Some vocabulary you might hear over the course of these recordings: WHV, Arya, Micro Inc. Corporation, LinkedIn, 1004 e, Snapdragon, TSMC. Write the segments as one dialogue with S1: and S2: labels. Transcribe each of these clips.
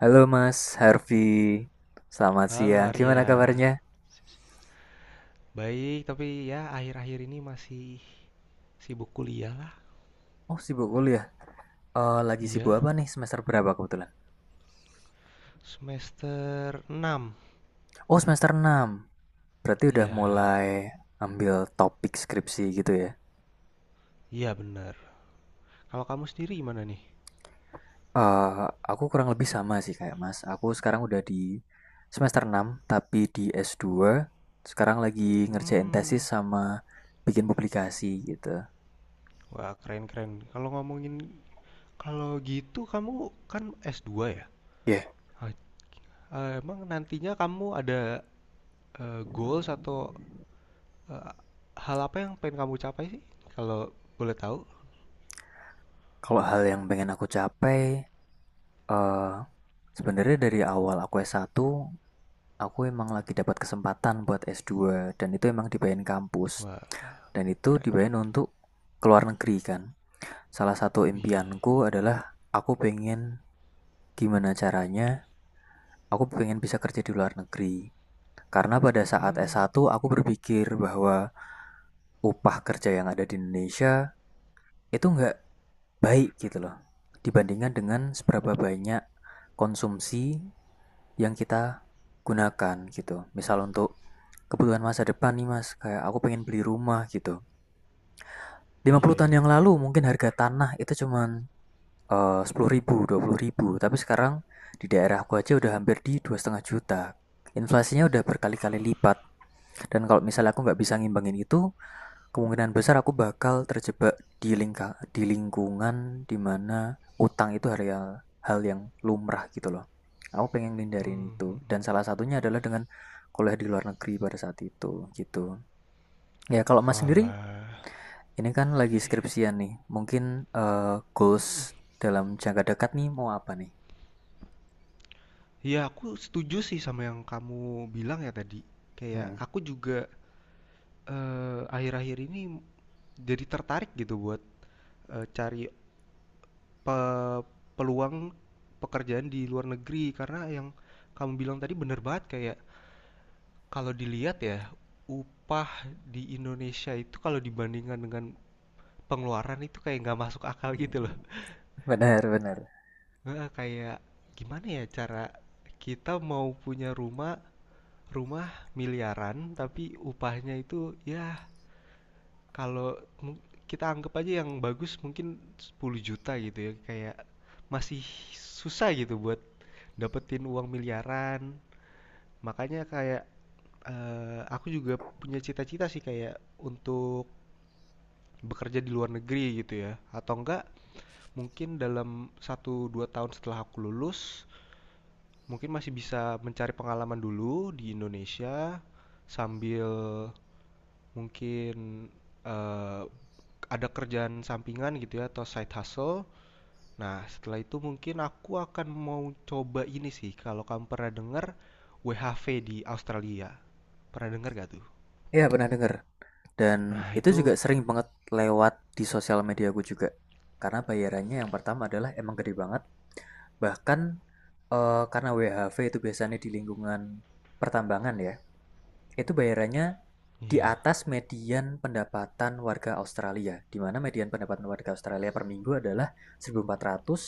S1: Halo Mas Harvey, selamat
S2: Halo
S1: siang. Gimana
S2: Arya,
S1: kabarnya?
S2: baik tapi ya akhir-akhir ini masih sibuk kuliah lah.
S1: Oh, sibuk kuliah. Lagi sibuk
S2: Iya,
S1: apa nih? Semester berapa kebetulan?
S2: semester 6.
S1: Oh, semester 6. Berarti udah
S2: Iya,
S1: mulai ambil topik skripsi gitu ya.
S2: iya bener. Kalau kamu sendiri gimana nih?
S1: Eh, aku kurang lebih sama sih kayak Mas. Aku sekarang udah di semester 6, tapi di S2. Sekarang lagi ngerjain
S2: Hmm,
S1: tesis sama bikin publikasi gitu.
S2: wah keren-keren. Kalau gitu kamu kan s dua ya?
S1: Ya, yeah.
S2: Ah, emang nantinya kamu ada goals atau eh, hal apa yang pengen kamu capai sih? Kalau boleh tahu?
S1: Kalau hal yang pengen aku capai, eh sebenarnya dari awal aku S1. Aku emang lagi dapat kesempatan buat S2 dan itu emang dibayarin kampus
S2: Wah,
S1: dan itu
S2: keren-keren.
S1: dibayarin untuk keluar negeri kan. Salah satu impianku adalah aku pengen gimana caranya aku pengen bisa kerja di luar negeri. Karena pada saat
S2: Hmm,
S1: S1 aku berpikir bahwa upah kerja yang ada di Indonesia itu nggak baik gitu loh. Dibandingkan dengan seberapa banyak konsumsi yang kita gunakan gitu. Misal untuk kebutuhan masa depan nih Mas, kayak aku pengen beli rumah gitu. lima
S2: iya
S1: puluh
S2: iya.
S1: tahun yang lalu mungkin harga tanah itu cuman 10.000, 20.000, tapi sekarang di daerah daerahku aja udah hampir di 2,5 juta. Inflasinya udah berkali-kali lipat, dan kalau misalnya aku nggak bisa ngimbangin itu, kemungkinan besar aku bakal terjebak di lingkungan dimana utang itu hal hal yang lumrah gitu loh. Aku pengen hindarin
S2: Hmm, hmm,
S1: itu,
S2: hmm.
S1: dan salah satunya adalah dengan kuliah di luar negeri pada saat itu gitu. Ya, kalau Mas sendiri
S2: Walah.
S1: ini kan lagi skripsian nih. Mungkin eh, goals dalam jangka dekat nih mau apa nih?
S2: Ya aku setuju sih sama yang kamu bilang ya tadi. Kayak
S1: Hmm,
S2: aku juga akhir-akhir ini jadi tertarik gitu buat cari pe- peluang pekerjaan di luar negeri karena yang kamu bilang tadi bener banget, kayak kalau dilihat ya upah di Indonesia itu kalau dibandingkan dengan pengeluaran itu kayak nggak masuk akal gitu loh.
S1: benar, benar.
S2: Nah, kayak gimana ya cara kita mau punya rumah rumah miliaran tapi upahnya itu ya kalau kita anggap aja yang bagus mungkin 10 juta gitu ya, kayak masih susah gitu buat dapetin uang miliaran. Makanya kayak aku juga punya cita-cita sih kayak untuk bekerja di luar negeri gitu ya, atau enggak mungkin dalam satu dua tahun setelah aku lulus mungkin masih bisa mencari pengalaman dulu di Indonesia sambil mungkin eh, ada kerjaan sampingan gitu ya atau side hustle. Nah, setelah itu mungkin aku akan mau coba ini sih. Kalau kamu pernah dengar WHV di Australia, pernah dengar gak tuh?
S1: Iya, pernah dengar. Dan
S2: Nah,
S1: itu juga
S2: itu
S1: sering banget lewat di sosial media aku juga. Karena bayarannya yang pertama adalah emang gede banget. Bahkan karena WHV itu biasanya di lingkungan pertambangan ya. Itu bayarannya di
S2: iya,
S1: atas median pendapatan warga Australia, di mana median pendapatan warga Australia per minggu adalah 1.400.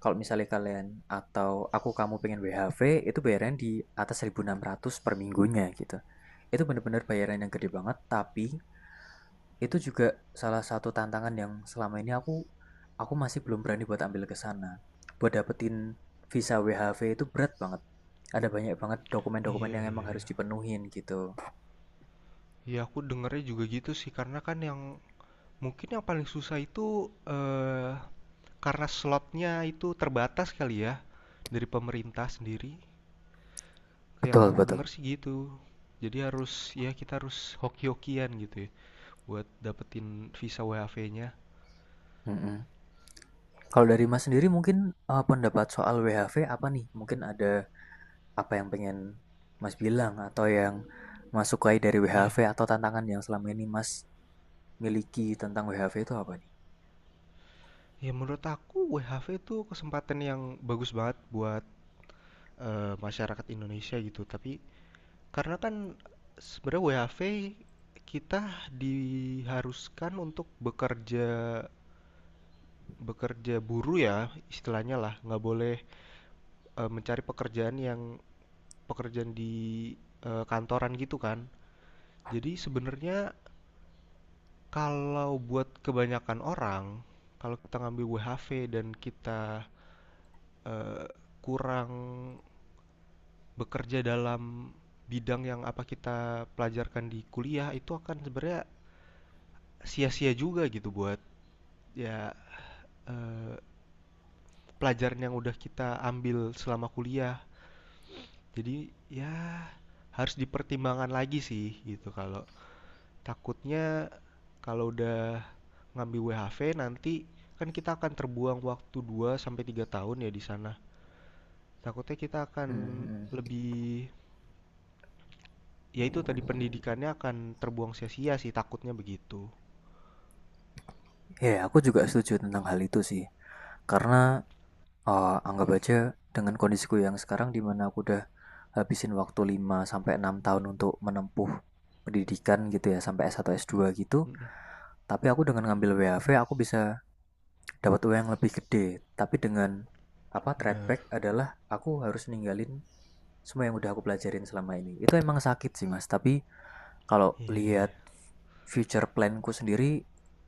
S1: Kalau misalnya kalian atau aku kamu pengen WHV, itu bayaran di atas 1.600 per minggunya gitu. Itu benar-benar bayaran yang gede banget, tapi itu juga salah satu tantangan yang selama ini aku masih belum berani buat ambil ke sana. Buat dapetin visa WHV itu berat banget. Ada banyak banget dokumen-dokumen
S2: iya,
S1: yang emang
S2: iya,
S1: harus
S2: iya.
S1: dipenuhin gitu.
S2: Ya aku dengernya juga gitu sih, karena kan yang mungkin yang paling susah itu karena slotnya itu terbatas kali ya dari pemerintah sendiri. Yang
S1: Betul,
S2: aku
S1: betul.
S2: dengar sih gitu. Jadi harus, ya kita harus hoki-hokian gitu ya buat dapetin visa WHV-nya.
S1: Mm-mm. Kalau dari Mas sendiri mungkin, pendapat soal WHV apa nih? Mungkin ada apa yang pengen Mas bilang atau yang Mas sukai dari
S2: Iya.
S1: WHV
S2: Yeah.
S1: atau tantangan yang selama ini Mas miliki tentang WHV itu apa nih?
S2: Ya menurut aku WHV itu kesempatan yang bagus banget buat masyarakat Indonesia gitu. Tapi karena kan sebenarnya WHV kita diharuskan untuk bekerja bekerja buruh ya istilahnya lah, nggak boleh mencari pekerjaan di kantoran gitu kan. Jadi sebenarnya kalau buat kebanyakan orang, kalau kita ngambil WHV dan kita eh, kurang bekerja dalam bidang yang apa kita pelajarkan di kuliah, itu akan sebenarnya sia-sia juga gitu buat ya pelajaran yang udah kita ambil selama kuliah. Jadi ya harus dipertimbangkan lagi sih gitu, kalau takutnya kalau udah ngambil WHV nanti kan kita akan terbuang waktu 2 sampai 3 tahun ya di sana. Takutnya kita akan
S1: Mhm mhm.
S2: lebih, ya itu tadi pendidikannya akan terbuang sia-sia sih, takutnya begitu.
S1: Ya, yeah, aku juga setuju tentang hal itu sih. Karena, anggap aja dengan kondisiku yang sekarang di mana aku udah habisin waktu 5 sampai 6 tahun untuk menempuh pendidikan gitu ya sampai S1 S2 gitu, tapi aku dengan ngambil WHV aku bisa dapat uang yang lebih gede tapi dengan apa trade
S2: Bener.
S1: back adalah aku harus ninggalin semua yang udah aku pelajarin selama ini itu emang sakit sih mas, tapi kalau
S2: Iya iya
S1: lihat
S2: iya.
S1: future planku sendiri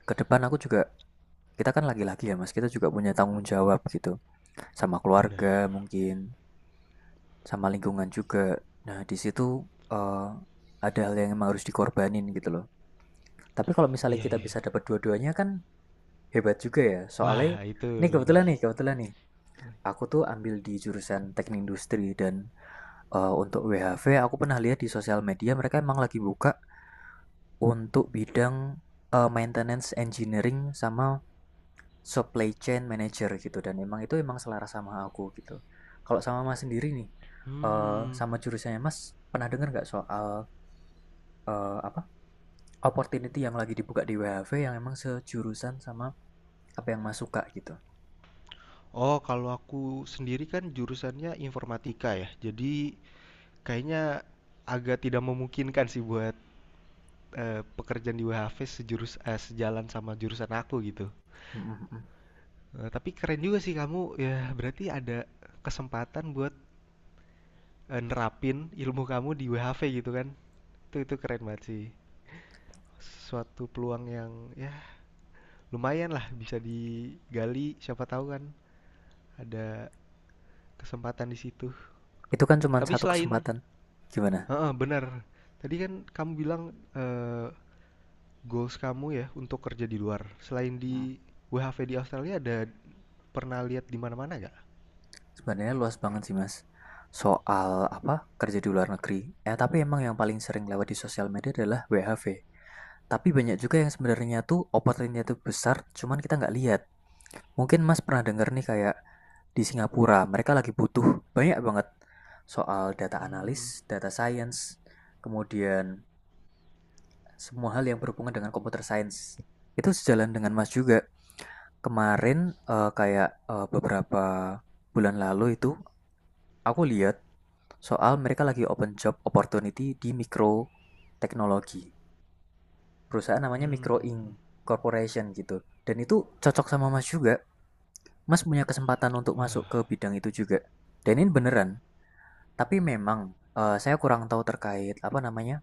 S1: ke depan aku juga kita kan laki-laki ya mas, kita juga punya tanggung jawab gitu sama
S2: Bener.
S1: keluarga mungkin sama lingkungan juga. Nah di situ eh, ada hal yang emang harus dikorbanin gitu loh, tapi kalau misalnya
S2: Iya
S1: kita
S2: iya. Iya.
S1: bisa dapat dua-duanya kan hebat juga ya
S2: Wah
S1: soalnya
S2: itu
S1: nih
S2: lebih.
S1: kebetulan nih kebetulan nih Aku tuh ambil di jurusan teknik industri dan untuk WHV aku pernah lihat di sosial media mereka emang lagi buka untuk bidang maintenance engineering sama supply chain manager gitu dan emang itu emang selaras sama aku gitu. Kalau sama Mas sendiri nih,
S2: Hmm.
S1: sama jurusannya Mas pernah dengar nggak soal eh, apa opportunity yang lagi dibuka di WHV yang emang sejurusan sama apa yang Mas suka gitu?
S2: Oh kalau aku sendiri kan jurusannya informatika ya. Jadi kayaknya agak tidak memungkinkan sih buat pekerjaan di WHV sejalan sama jurusan aku gitu.
S1: Mm, mm, mm.
S2: Eh, tapi keren juga sih kamu ya, berarti ada kesempatan buat nerapin ilmu kamu di WHV gitu kan. Itu keren banget sih. Suatu peluang yang ya lumayan lah, bisa digali, siapa tahu kan ada kesempatan di situ.
S1: Itu kan cuma
S2: Tapi
S1: satu
S2: selain,
S1: kesempatan. Gimana?
S2: heeh, benar, tadi kan kamu bilang goals kamu ya untuk kerja di luar, selain di WHV di Australia ada pernah lihat di mana-mana gak?
S1: Sebenarnya luas banget sih Mas, soal apa, kerja di luar negeri. Ya tapi emang yang paling sering lewat di sosial media adalah WHV. Tapi banyak juga yang sebenarnya tuh opportunity-nya tuh besar, cuman kita nggak lihat. Mungkin Mas pernah denger nih kayak di Singapura, mereka lagi butuh banyak banget soal data
S2: Hmm,
S1: analis, data science, kemudian semua hal yang berhubungan dengan computer science. Itu sejalan dengan Mas juga. Kemarin beberapa bulan lalu itu aku lihat soal mereka lagi open job opportunity di mikro teknologi. Perusahaan namanya Micro
S2: hmm,
S1: Inc. Corporation gitu. Dan itu cocok sama Mas juga. Mas punya kesempatan untuk masuk ke bidang itu juga. Dan ini beneran. Tapi memang saya kurang tahu terkait apa namanya.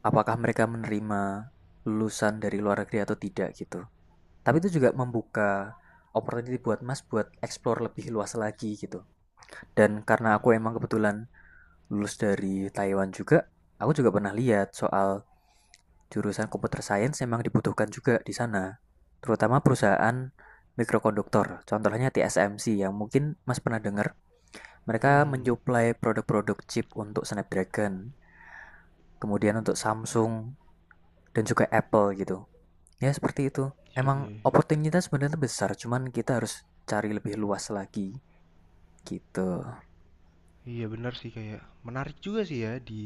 S1: Apakah mereka menerima lulusan dari luar negeri atau tidak gitu. Tapi itu juga membuka opportunity buat Mas buat explore lebih luas lagi gitu. Dan karena aku emang kebetulan lulus dari Taiwan juga, aku juga pernah lihat soal jurusan computer science memang dibutuhkan juga di sana. Terutama perusahaan mikrokonduktor, contohnya TSMC yang mungkin Mas pernah dengar,
S2: hmm,
S1: mereka
S2: hmm.
S1: mensuplai produk-produk chip untuk Snapdragon, kemudian untuk Samsung dan juga Apple gitu. Ya seperti itu.
S2: Iya iya
S1: Emang
S2: iya.
S1: opportunitas sebenarnya besar, cuman kita harus cari lebih luas lagi gitu.
S2: Iya benar sih, kayak menarik juga sih ya di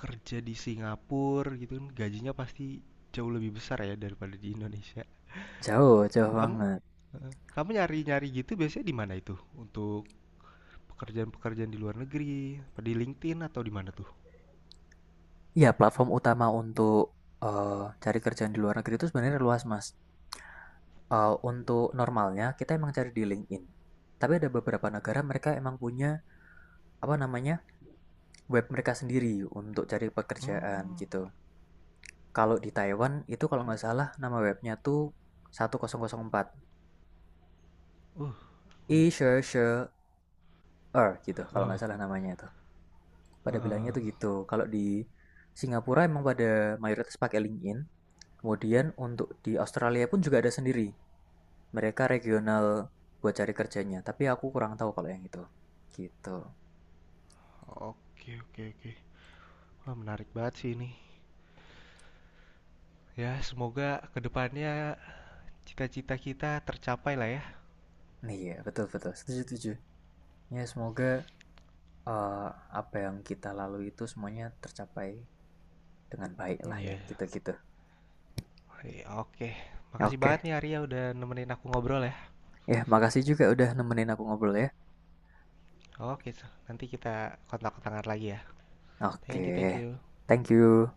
S2: kerja di Singapura gitu kan gajinya pasti jauh lebih besar ya daripada di Indonesia.
S1: Jauh, jauh
S2: Kamu,
S1: banget.
S2: heeh, kamu nyari-nyari gitu biasanya di mana itu? Untuk pekerjaan-pekerjaan di luar negeri, apa di LinkedIn atau di mana tuh?
S1: Iya, platform utama untuk cari kerjaan di luar negeri itu sebenarnya luas, Mas. Untuk normalnya kita emang cari di LinkedIn. Tapi ada beberapa negara mereka emang punya apa namanya web mereka sendiri untuk cari pekerjaan
S2: Oh,
S1: gitu. Kalau di Taiwan itu kalau
S2: oke.
S1: nggak salah nama webnya tuh 1004
S2: Uh, unik
S1: e
S2: tuh.
S1: gitu kalau nggak
S2: Oh,
S1: salah namanya itu. Pada bilangnya
S2: heeh.
S1: tuh gitu. Kalau di Singapura emang pada mayoritas pakai LinkedIn. Kemudian untuk di Australia pun juga ada sendiri mereka regional buat cari kerjanya, tapi aku kurang tahu kalau yang itu. Gitu.
S2: Oke oke oke. Wah, menarik banget sih ini. Ya, semoga kedepannya cita-cita kita tercapai lah ya.
S1: Iya betul-betul. Setuju, setuju. Ya, semoga eh, apa yang kita lalui itu semuanya tercapai dengan baik
S2: Hmm,
S1: lah ya,
S2: iya.
S1: gitu-gitu.
S2: Iya, oke.
S1: Ya,
S2: Makasih banget
S1: oke,
S2: nih Arya, udah nemenin aku ngobrol ya.
S1: ya makasih juga udah nemenin aku ngobrol ya.
S2: Oke, so nanti kita kontak-kontakan lagi ya. Thank you, thank
S1: Oke,
S2: you.
S1: thank you.